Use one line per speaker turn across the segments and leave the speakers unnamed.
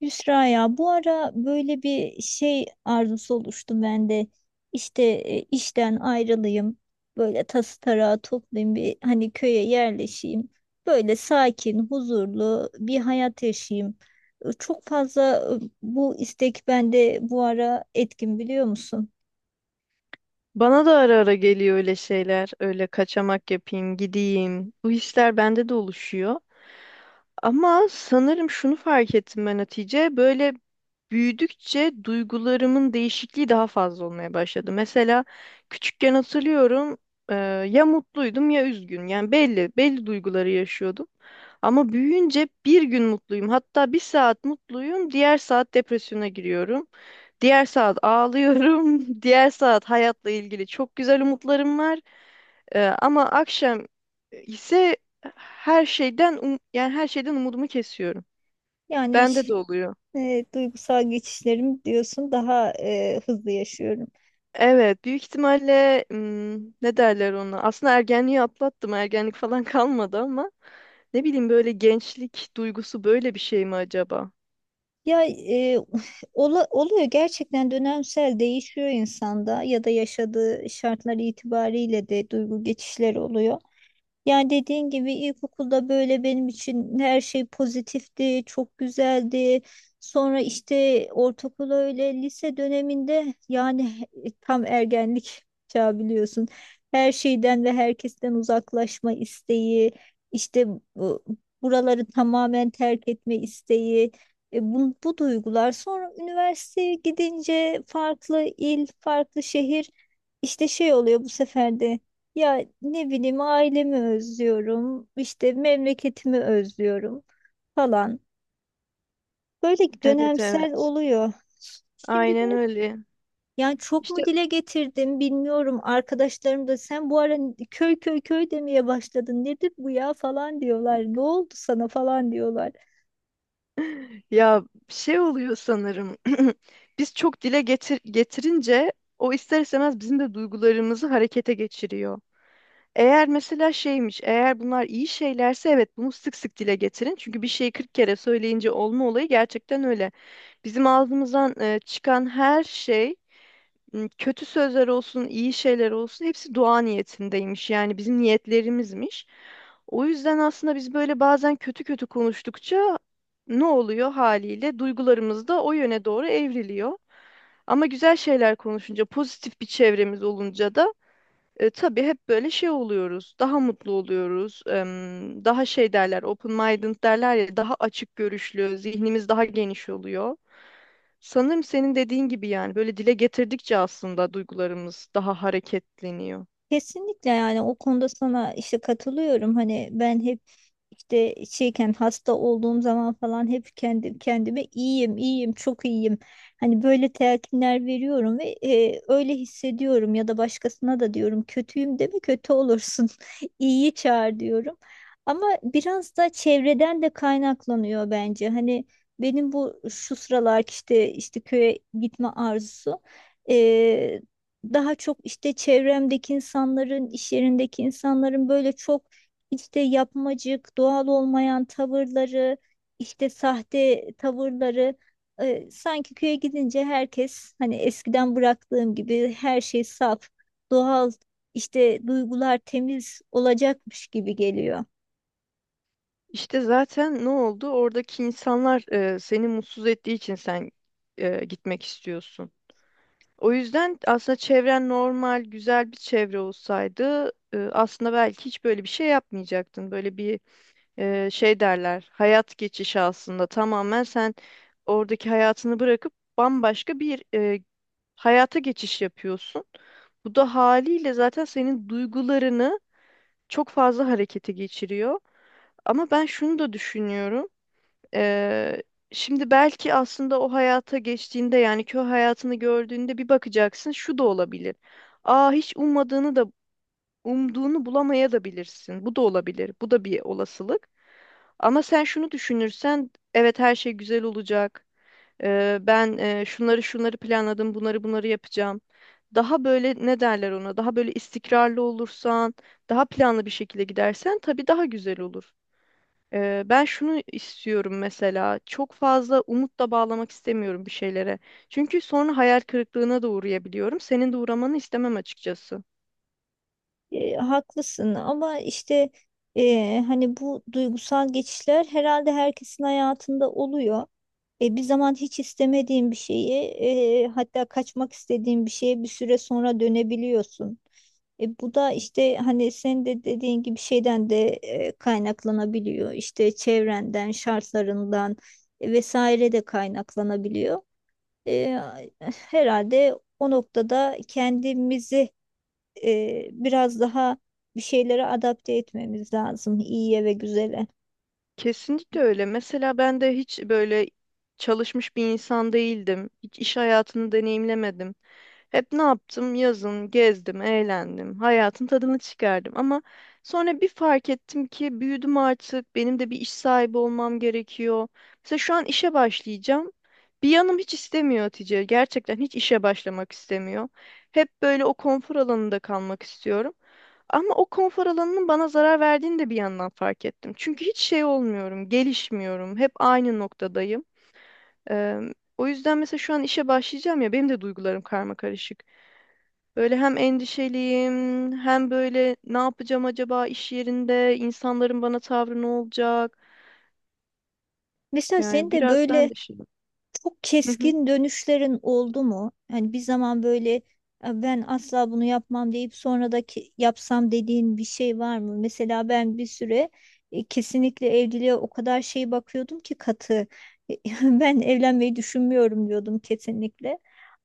Yusra ya bu ara böyle bir şey arzusu oluştu bende. İşte işten ayrılayım. Böyle tası tarağı toplayayım bir hani köye yerleşeyim. Böyle sakin, huzurlu bir hayat yaşayayım. Çok fazla bu istek bende bu ara etkin, biliyor musun?
Bana da ara ara geliyor öyle şeyler. Öyle kaçamak yapayım, gideyim. Bu hisler bende de oluşuyor. Ama sanırım şunu fark ettim ben Hatice. Böyle büyüdükçe duygularımın değişikliği daha fazla olmaya başladı. Mesela küçükken hatırlıyorum e, ya mutluydum ya üzgün. Yani belli duyguları yaşıyordum. Ama büyüyünce bir gün mutluyum. Hatta bir saat mutluyum, diğer saat depresyona giriyorum. Diğer saat ağlıyorum, diğer saat hayatla ilgili çok güzel umutlarım var. Ama akşam ise her şeyden yani her şeyden umudumu kesiyorum.
Yani iş-
Bende de oluyor.
Duygusal geçişlerim diyorsun, daha hızlı yaşıyorum.
Evet, büyük ihtimalle ne derler ona? Aslında ergenliği atlattım. Ergenlik falan kalmadı ama ne bileyim böyle gençlik duygusu böyle bir şey mi acaba?
Ya e, oluyor gerçekten, dönemsel değişiyor insanda ya da yaşadığı şartlar itibariyle de duygu geçişleri oluyor. Yani dediğin gibi ilkokulda böyle benim için her şey pozitifti, çok güzeldi. Sonra işte ortaokul öyle, lise döneminde yani tam ergenlik çağı biliyorsun. Her şeyden ve herkesten uzaklaşma isteği, işte bu- buraları tamamen terk etme isteği. Bu duygular sonra üniversiteye gidince farklı il, farklı şehir işte şey oluyor bu sefer de. Ya ne bileyim, ailemi özlüyorum, işte memleketimi özlüyorum falan. Böyle
Evet,
dönemsel
evet.
oluyor. Şimdi
Aynen
de
öyle.
yani çok
İşte
mu dile getirdim bilmiyorum. Arkadaşlarım da sen bu ara köy köy köy demeye başladın, nedir bu ya falan diyorlar. Ne oldu sana falan diyorlar.
ya şey oluyor sanırım. Biz çok dile getirince o ister istemez bizim de duygularımızı harekete geçiriyor. Eğer mesela şeymiş, eğer bunlar iyi şeylerse evet bunu sık sık dile getirin. Çünkü bir şeyi 40 kere söyleyince olma olayı gerçekten öyle. Bizim ağzımızdan çıkan her şey, kötü sözler olsun, iyi şeyler olsun hepsi dua niyetindeymiş. Yani bizim niyetlerimizmiş. O yüzden aslında biz böyle bazen kötü kötü konuştukça ne oluyor haliyle? Duygularımız da o yöne doğru evriliyor. Ama güzel şeyler konuşunca, pozitif bir çevremiz olunca da tabii hep böyle şey oluyoruz, daha mutlu oluyoruz, daha şey derler, open minded derler ya, daha açık görüşlü, zihnimiz daha geniş oluyor. Sanırım senin dediğin gibi yani böyle dile getirdikçe aslında duygularımız daha hareketleniyor.
Kesinlikle, yani o konuda sana işte katılıyorum. Hani ben hep işte şeyken, hasta olduğum zaman falan hep kendim kendime iyiyim, iyiyim, çok iyiyim. Hani böyle telkinler veriyorum ve öyle hissediyorum ya da başkasına da diyorum kötüyüm deme, kötü olursun. İyiyi çağır diyorum. Ama biraz da çevreden de kaynaklanıyor bence. Hani benim bu şu sıralar işte köye gitme arzusu daha çok işte çevremdeki insanların, iş yerindeki insanların böyle çok işte yapmacık, doğal olmayan tavırları, işte sahte tavırları, sanki köye gidince herkes hani eskiden bıraktığım gibi her şey saf, doğal, işte duygular temiz olacakmış gibi geliyor.
İşte zaten ne oldu? Oradaki insanlar seni mutsuz ettiği için sen gitmek istiyorsun. O yüzden aslında çevren normal, güzel bir çevre olsaydı aslında belki hiç böyle bir şey yapmayacaktın. Böyle bir şey derler, hayat geçişi aslında tamamen sen oradaki hayatını bırakıp bambaşka bir hayata geçiş yapıyorsun. Bu da haliyle zaten senin duygularını çok fazla harekete geçiriyor. Ama ben şunu da düşünüyorum. Eee, şimdi belki aslında o hayata geçtiğinde yani köy hayatını gördüğünde bir bakacaksın, şu da olabilir. Aa, hiç ummadığını da Umduğunu bulamaya da bilirsin. Bu da olabilir. Bu da bir olasılık. Ama sen şunu düşünürsen, evet her şey güzel olacak. Ben şunları şunları planladım, bunları bunları yapacağım. Daha böyle ne derler ona? Daha böyle istikrarlı olursan, daha planlı bir şekilde gidersen tabii daha güzel olur. Ben şunu istiyorum mesela. Çok fazla umutla bağlamak istemiyorum bir şeylere. Çünkü sonra hayal kırıklığına da uğrayabiliyorum. Senin de uğramanı istemem açıkçası.
Haklısın ama işte hani bu duygusal geçişler herhalde herkesin hayatında oluyor. Bir zaman hiç istemediğin bir şeyi, hatta kaçmak istediğin bir şeye bir süre sonra dönebiliyorsun. Bu da işte hani senin de dediğin gibi şeyden de kaynaklanabiliyor. İşte çevrenden, şartlarından vesaire de kaynaklanabiliyor. E, Herhalde o noktada kendimizi biraz daha bir şeylere adapte etmemiz lazım, iyiye ve güzele.
Kesinlikle öyle. Mesela ben de hiç böyle çalışmış bir insan değildim. Hiç iş hayatını deneyimlemedim. Hep ne yaptım? Yazın gezdim, eğlendim, hayatın tadını çıkardım. Ama sonra bir fark ettim ki büyüdüm artık, benim de bir iş sahibi olmam gerekiyor. Mesela şu an işe başlayacağım. Bir yanım hiç istemiyor Hatice. Gerçekten hiç işe başlamak istemiyor. Hep böyle o konfor alanında kalmak istiyorum. Ama o konfor alanının bana zarar verdiğini de bir yandan fark ettim. Çünkü hiç şey olmuyorum, gelişmiyorum. Hep aynı noktadayım. Eee, o yüzden mesela şu an işe başlayacağım ya, benim de duygularım karma karışık. Böyle hem endişeliyim, hem böyle ne yapacağım acaba iş yerinde, insanların bana tavrı ne olacak?
Mesela senin
Yani
de
biraz ben
böyle
de şey.
çok
Hı hı.
keskin dönüşlerin oldu mu? Hani bir zaman böyle "Ya ben asla bunu yapmam" deyip sonra da yapsam dediğin bir şey var mı? Mesela ben bir süre kesinlikle evliliğe o kadar şey bakıyordum ki, katı. Ben evlenmeyi düşünmüyorum diyordum kesinlikle.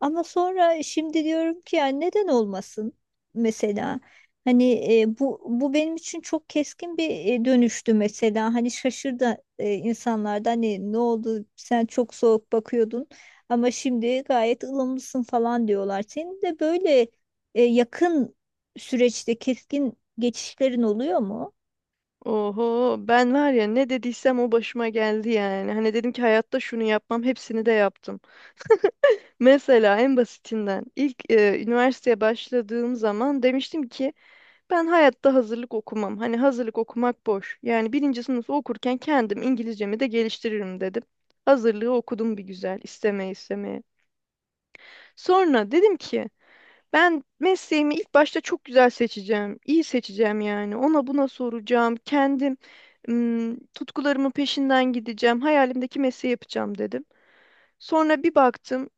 Ama sonra şimdi diyorum ki ya neden olmasın mesela? Hani bu benim için çok keskin bir dönüştü mesela. Hani şaşırdı insanlarda, hani ne oldu sen çok soğuk bakıyordun ama şimdi gayet ılımlısın falan diyorlar. Senin de böyle yakın süreçte keskin geçişlerin oluyor mu?
Oho, ben var ya ne dediysem o başıma geldi yani. Hani dedim ki hayatta şunu yapmam, hepsini de yaptım. Mesela en basitinden ilk üniversiteye başladığım zaman demiştim ki ben hayatta hazırlık okumam. Hani hazırlık okumak boş. Yani birinci sınıfı okurken kendim İngilizcemi de geliştiririm dedim. Hazırlığı okudum bir güzel, istemeye istemeye. Sonra dedim ki ben mesleğimi ilk başta çok güzel seçeceğim, iyi seçeceğim yani. Ona buna soracağım. Kendim tutkularımın peşinden gideceğim. Hayalimdeki mesleği yapacağım dedim. Sonra bir baktım.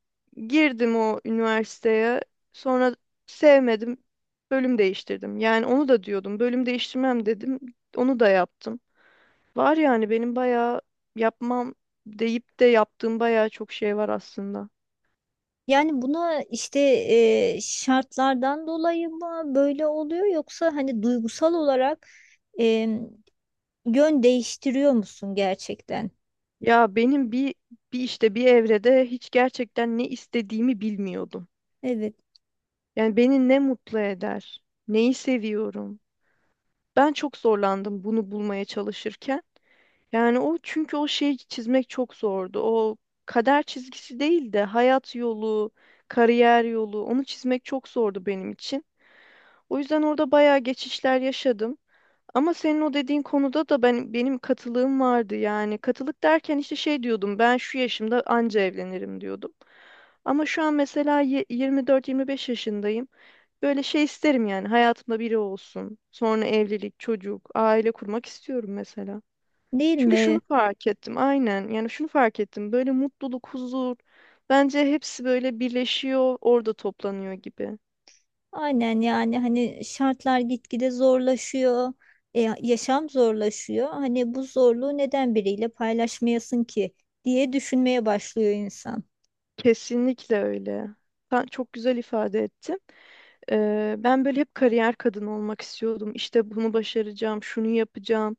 Girdim o üniversiteye. Sonra sevmedim. Bölüm değiştirdim. Yani onu da diyordum. Bölüm değiştirmem dedim. Onu da yaptım. Var yani benim bayağı yapmam deyip de yaptığım bayağı çok şey var aslında.
Yani buna işte şartlardan dolayı mı böyle oluyor yoksa hani duygusal olarak e, yön değiştiriyor musun gerçekten?
Ya benim bir bir evrede hiç gerçekten ne istediğimi bilmiyordum.
Evet,
Yani beni ne mutlu eder, neyi seviyorum. Ben çok zorlandım bunu bulmaya çalışırken. Yani çünkü o şeyi çizmek çok zordu. O kader çizgisi değil de hayat yolu, kariyer yolu, onu çizmek çok zordu benim için. O yüzden orada bayağı geçişler yaşadım. Ama senin o dediğin konuda da benim katılığım vardı yani. Katılık derken işte şey diyordum, ben şu yaşımda anca evlenirim diyordum. Ama şu an mesela 24-25 yaşındayım. Böyle şey isterim yani, hayatımda biri olsun. Sonra evlilik, çocuk, aile kurmak istiyorum mesela.
değil
Çünkü
mi?
şunu fark ettim aynen, yani şunu fark ettim, böyle mutluluk, huzur, bence hepsi böyle birleşiyor, orada toplanıyor gibi.
Aynen, yani hani şartlar gitgide zorlaşıyor, yaşam zorlaşıyor. Hani bu zorluğu neden biriyle paylaşmayasın ki diye düşünmeye başlıyor insan.
Kesinlikle öyle. Sen çok güzel ifade ettin. Ben böyle hep kariyer kadını olmak istiyordum. İşte bunu başaracağım, şunu yapacağım.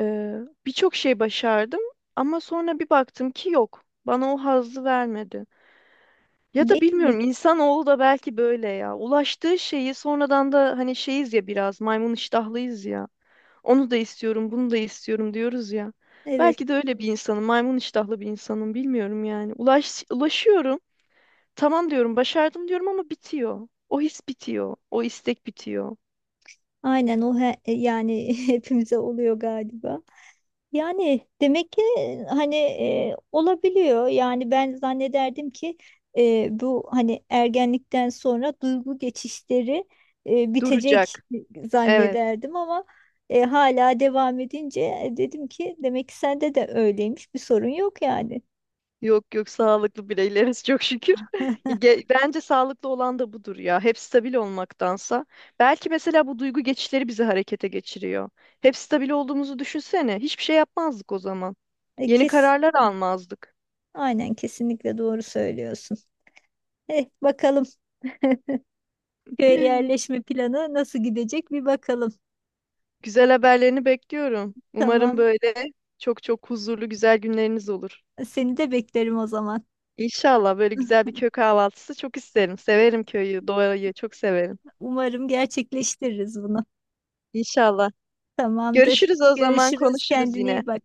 Eee, birçok şey başardım ama sonra bir baktım ki yok. Bana o hazzı vermedi. Ya da
Değil mi?
bilmiyorum, insanoğlu da belki böyle ya. Ulaştığı şeyi sonradan da hani şeyiz ya, biraz maymun iştahlıyız ya. Onu da istiyorum, bunu da istiyorum diyoruz ya.
Evet,
Belki de öyle bir insanım, maymun iştahlı bir insanım, bilmiyorum yani. Ulaşıyorum, tamam diyorum, başardım diyorum ama bitiyor. O his bitiyor, o istek bitiyor.
aynen yani hepimize oluyor galiba. Yani demek ki hani olabiliyor. Yani ben zannederdim ki bu hani ergenlikten sonra duygu geçişleri bitecek
Duracak. Evet.
zannederdim ama hala devam edince dedim ki demek ki sende de öyleymiş. Bir sorun yok yani.
Yok yok, sağlıklı bireyleriz çok şükür. Bence sağlıklı olan da budur ya. Hep stabil olmaktansa. Belki mesela bu duygu geçişleri bizi harekete geçiriyor. Hep stabil olduğumuzu düşünsene. Hiçbir şey yapmazdık o zaman.
E,
Yeni
kes,
kararlar almazdık.
aynen kesinlikle doğru söylüyorsun. Eh, bakalım köye yerleşme planı nasıl gidecek, bir bakalım.
Güzel haberlerini bekliyorum. Umarım
Tamam.
böyle çok çok huzurlu güzel günleriniz olur.
Seni de beklerim o zaman.
İnşallah böyle güzel bir köy kahvaltısı çok isterim. Severim köyü, doğayı çok severim.
Umarım gerçekleştiririz bunu.
İnşallah.
Tamamdır.
Görüşürüz o zaman,
Görüşürüz.
konuşuruz
Kendine
yine.
iyi bak.